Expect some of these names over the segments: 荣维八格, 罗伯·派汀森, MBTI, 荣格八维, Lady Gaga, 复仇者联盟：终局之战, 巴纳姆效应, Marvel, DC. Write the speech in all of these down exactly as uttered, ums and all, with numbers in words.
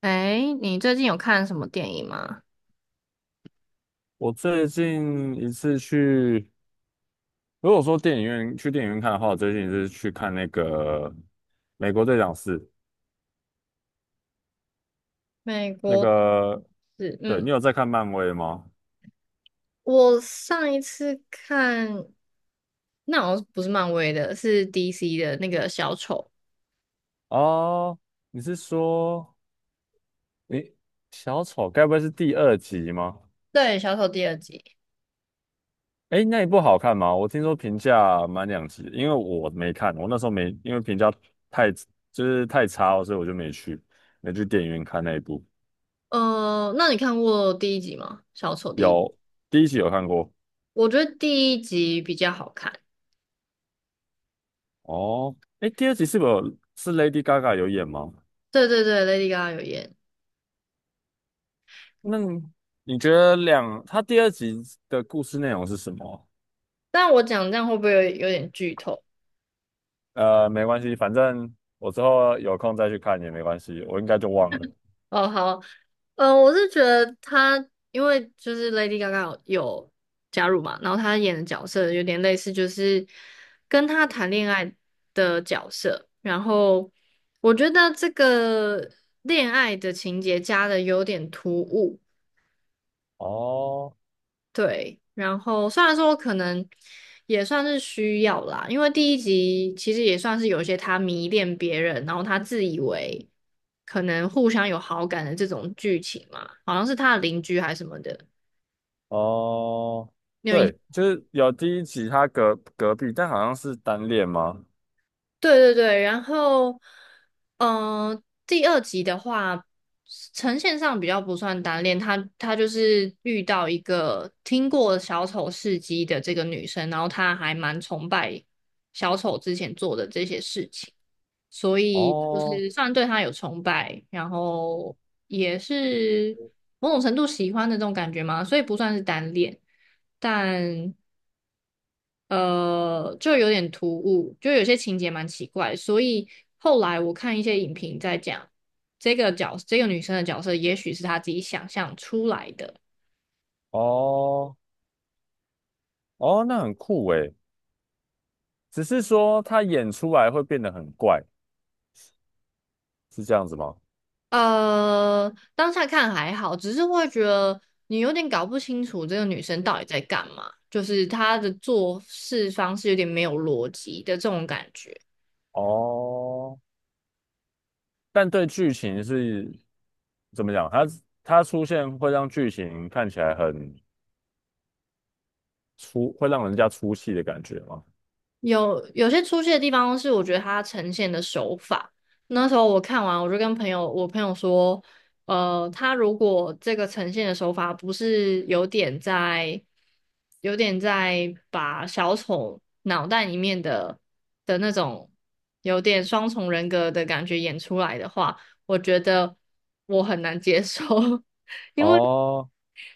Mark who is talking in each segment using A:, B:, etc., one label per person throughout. A: 哎，你最近有看什么电影吗？
B: 我最近一次去，如果说电影院去电影院看的话，我最近一次去看那个《美国队长四》。
A: 美
B: 那
A: 国
B: 个，
A: 是，
B: 对，
A: 嗯，
B: 你有在看漫威吗？
A: 我上一次看，那好像不是漫威的，是 D C 的那个小丑，
B: 哦，你是说，诶，小丑该不会是第二集吗？
A: 对，小丑第二集。
B: 诶，那一部好看吗？我听说评价蛮两极的，因为我没看，我那时候没，因为评价太，就是太差了，所以我就没去，没去电影院看那一部。
A: 呃，那你看过第一集吗？小丑第一，
B: 有，第一集有看过。
A: 我觉得第一集比较好看。
B: 哦，哎，第二集是不是有是 Lady Gaga 有演吗？
A: 对对对，Lady Gaga 有演，
B: 那你觉得两，他第二集的故事内容是什么？
A: 但我讲这样会不会有有点剧透？
B: 呃，没关系，反正我之后有空再去看也没关系，我应该就忘了。
A: 哦，好，呃，我是觉得他，因为就是 Lady Gaga 有加入嘛，然后她演的角色有点类似，就是跟她谈恋爱的角色。然后我觉得这个恋爱的情节加的有点突兀。
B: 哦
A: 对，然后虽然说我可能也算是需要啦，因为第一集其实也算是有一些他迷恋别人，然后他自以为可能互相有好感的这种剧情嘛，好像是他的邻居还是什么的，
B: 哦，
A: 你有印
B: 对，就是有第一集他隔隔壁，但好像是单恋吗？
A: 对对对，然后，嗯、第二集的话，呈现上比较不算单恋，她她就是遇到一个听过小丑事迹的这个女生，然后她还蛮崇拜小丑之前做的这些事情，所以就
B: 哦
A: 是算对她有崇拜，然后也是某种程度喜欢的这种感觉嘛，所以不算是单恋。但呃，就有点突兀，就有些情节蛮奇怪，所以后来我看一些影评在讲这个角，这个女生的角色，也许是她自己想象出来的。
B: 哦哦，那很酷诶，只是说他演出来会变得很怪，是这样子吗？
A: 呃，当下看还好，只是会觉得你有点搞不清楚这个女生到底在干嘛，就是她的做事方式有点没有逻辑的这种感觉。
B: 哦，但对剧情是怎么讲？它它出现会让剧情看起来很出，会让人家出戏的感觉吗？
A: 有有些出戏的地方是我觉得他呈现的手法。那时候我看完，我就跟朋友，我朋友说，呃，他如果这个呈现的手法不是有点在，有点在把小丑脑袋里面的的那种有点双重人格的感觉演出来的话，我觉得我很难接受。因为
B: 哦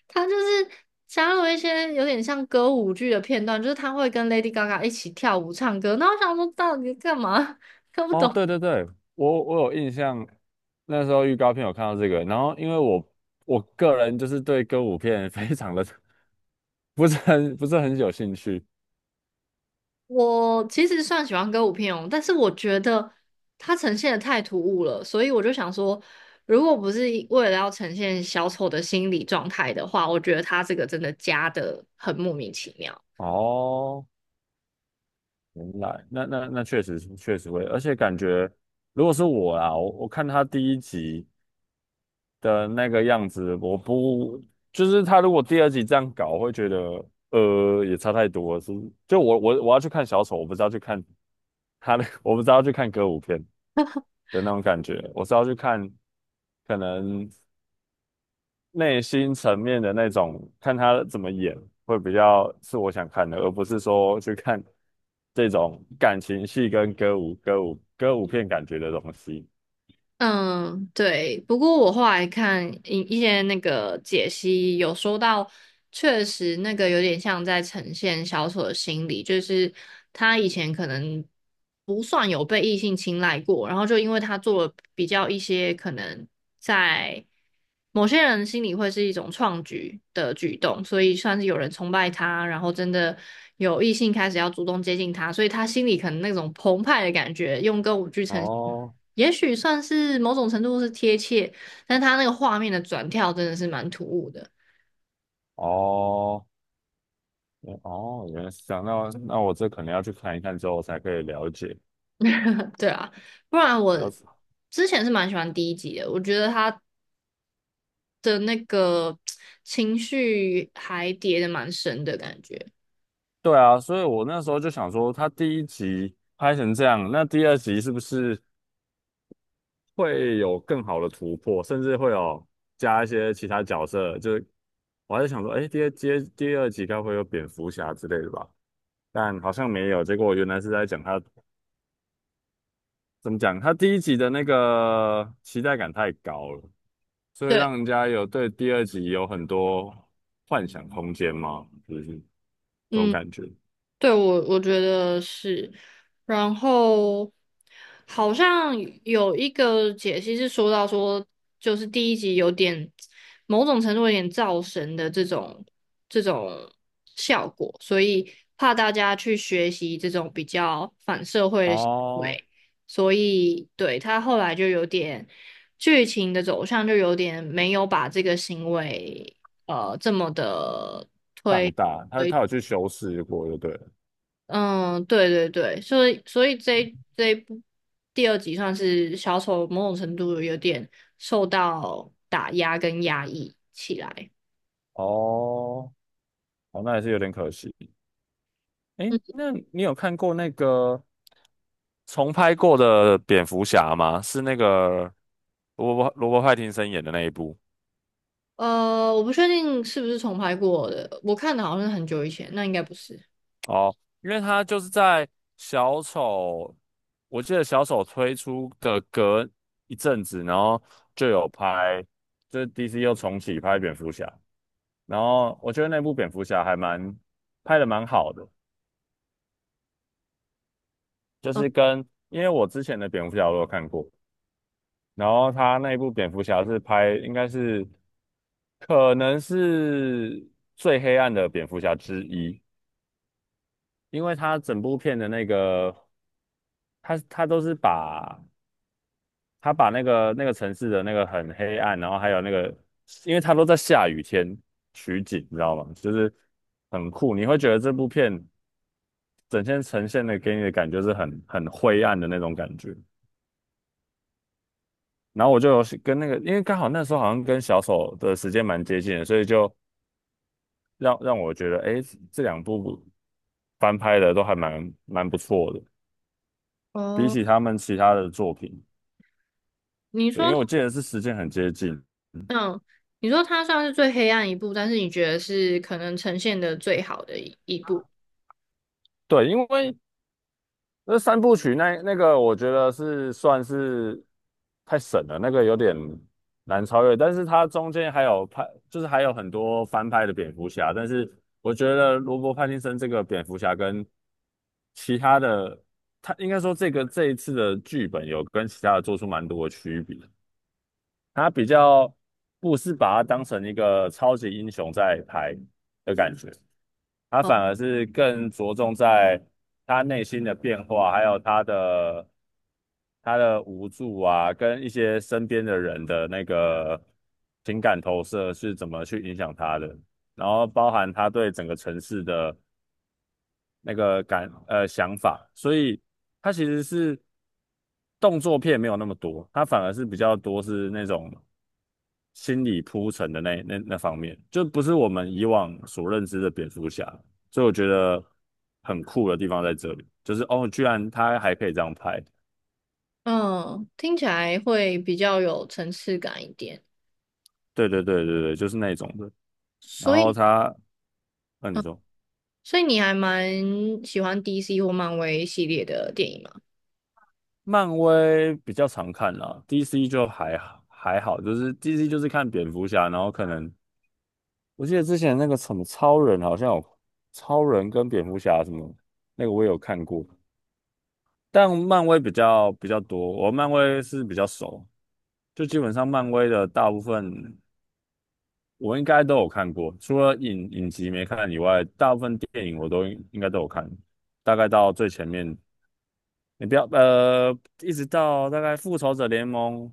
A: 他就是加入一些有点像歌舞剧的片段，就是他会跟 Lady Gaga 一起跳舞唱歌。那我想说，到底干嘛？看不
B: 哦，
A: 懂。
B: 对对对，我我有印象，那时候预告片有看到这个，然后因为我我个人就是对歌舞片 非常的 不是很，不是很有兴趣。
A: 我其实算喜欢歌舞片哦，但是我觉得它呈现的太突兀了，所以我就想说，如果不是一为了要呈现小丑的心理状态的话，我觉得他这个真的加的很莫名其妙。
B: 哦，原来那那那确实是，确实会，而且感觉如果是我啊，我我看他第一集的那个样子，我不，就是他如果第二集这样搞，我会觉得呃也差太多了，是就我我我要去看小丑，我不是要去看他的，我不是要去看歌舞片的那种感觉，我是要去看可能内心层面的那种，看他怎么演会比较是我想看的，而不是说去看这种感情戏跟歌舞歌舞歌舞片感觉的东西。
A: 嗯，对。不过我后来看一一些那个解析，有说到，确实那个有点像在呈现小丑的心理，就是他以前可能不算有被异性青睐过，然后就因为他做了比较一些可能在某些人心里会是一种创举的举动，所以算是有人崇拜他，然后真的有异性开始要主动接近他，所以他心里可能那种澎湃的感觉，用歌舞剧呈现。
B: 哦
A: 也许算是某种程度是贴切，但他那个画面的转跳真的是蛮突兀的。
B: 哦，哦，原来是这样。那那我这可能要去看一看之后才可以了解。
A: 对啊，不然我
B: 要是
A: 之前是蛮喜欢第一集的，我觉得他的那个情绪还叠的蛮深的感觉。
B: 对啊，所以我那时候就想说，他第一集拍成这样，那第二集是不是会有更好的突破，甚至会有加一些其他角色？就是我还在想说，哎，第二第二第二集该不会有蝙蝠侠之类的吧？但好像没有。结果原来是在讲他怎么讲，他第一集的那个期待感太高了，所以
A: 对，
B: 让人家有，对第二集有很多幻想空间吗？就是这种
A: 嗯。
B: 感觉。
A: 对，我我觉得是，然后好像有一个解析是说到说，就是第一集有点某种程度有点造神的这种这种效果，所以怕大家去学习这种比较反社会的行
B: 哦，
A: 为，所以对他后来就有点剧情的走向就有点没有把这个行为呃这么的。
B: 放
A: 推
B: 大，他他有去修饰过就对了。
A: 嗯，对对对，所以所以这一这一部第二集算是小丑某种程度有点受到打压跟压抑起来。
B: 哦，哦，那也是有点可惜。
A: 嗯，
B: 诶，那你有看过那个重拍过的蝙蝠侠吗？是那个罗伯罗伯派廷森演的那一部。
A: 呃，我不确定是不是重拍过的，我看的好像是很久以前，那应该不是。
B: 哦，因为他就是在小丑，我记得小丑推出的隔一阵子，然后就有拍，就是 D C 又重启拍蝙蝠侠，然后我觉得那部蝙蝠侠还蛮，拍的蛮好的，就
A: 哦
B: 是跟，因为我之前的蝙蝠侠我有看过，然后他那部蝙蝠侠是拍应该是可能是最黑暗的蝙蝠侠之一，因为他整部片的那个，他他都是把，他把那个那个城市的那个很黑暗，然后还有那个，因为他都在下雨天取景，你知道吗？就是很酷，你会觉得这部片整天呈现的给你的感觉是很很灰暗的那种感觉。然后我就有跟那个，因为刚好那时候好像跟小丑的时间蛮接近的，所以就让让我觉得，哎，这两部翻拍的都还蛮蛮不错的，比
A: 哦，
B: 起他们其他的作品，
A: 你
B: 对，因
A: 说，
B: 为我记得是时间很接近。
A: 嗯，你说它算是最黑暗一部，但是你觉得是可能呈现的最好的一一部，
B: 对，因为那三部曲那那个，我觉得是算是太神了，那个有点难超越。但是它中间还有拍，就是还有很多翻拍的蝙蝠侠。但是我觉得罗伯·派汀森这个蝙蝠侠跟其他的，他应该说这个这一次的剧本有跟其他的做出蛮多的区别。他比较不是把它当成一个超级英雄在拍的感觉。他
A: 哦
B: 反而是更着重在他内心的变化，还有他的，他的无助啊，跟一些身边的人的那个情感投射是怎么去影响他的，然后包含他对整个城市的那个感，呃想法，所以它其实是动作片没有那么多，它反而是比较多是那种心理铺陈的那那那方面，就不是我们以往所认知的蝙蝠侠，所以我觉得很酷的地方在这里，就是哦，居然他还可以这样拍，
A: 嗯，听起来会比较有层次感一点。
B: 对对对对对，就是那种的。然
A: 所
B: 后
A: 以
B: 他，那你说，
A: 所以你还蛮喜欢 D C 或漫威系列的电影吗？
B: 漫威比较常看啦，D C 就还好还好，就是 D C 就是看蝙蝠侠，然后可能。我记得之前那个什么超人好像有超人跟蝙蝠侠什么那个我也有看过，但漫威比较比较多，我漫威是比较熟，就基本上漫威的大部分我应该都有看过，除了影影集没看以外，大部分电影我都应应该都有看，大概到最前面你不要，呃，一直到大概《复仇者联盟：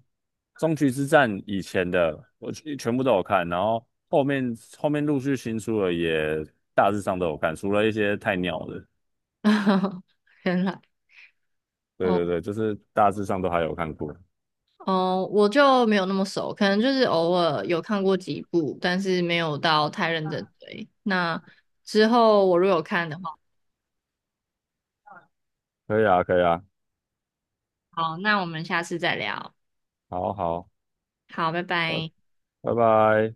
B: 终局之战》以前的，我全全部都有看，然后后面后面陆续新出了，也大致上都有看，除了一些太鸟的。
A: 原来
B: 对
A: 哦
B: 对对，就是大致上都还有看过。
A: 哦，我就没有那么熟，可能就是偶尔有看过几部，但是没有到太认真追。那之后我如果有看的话，
B: 可以啊，可以啊，
A: 好，那我们下次再聊。
B: 好好，
A: 好，拜
B: 拜
A: 拜。
B: 拜拜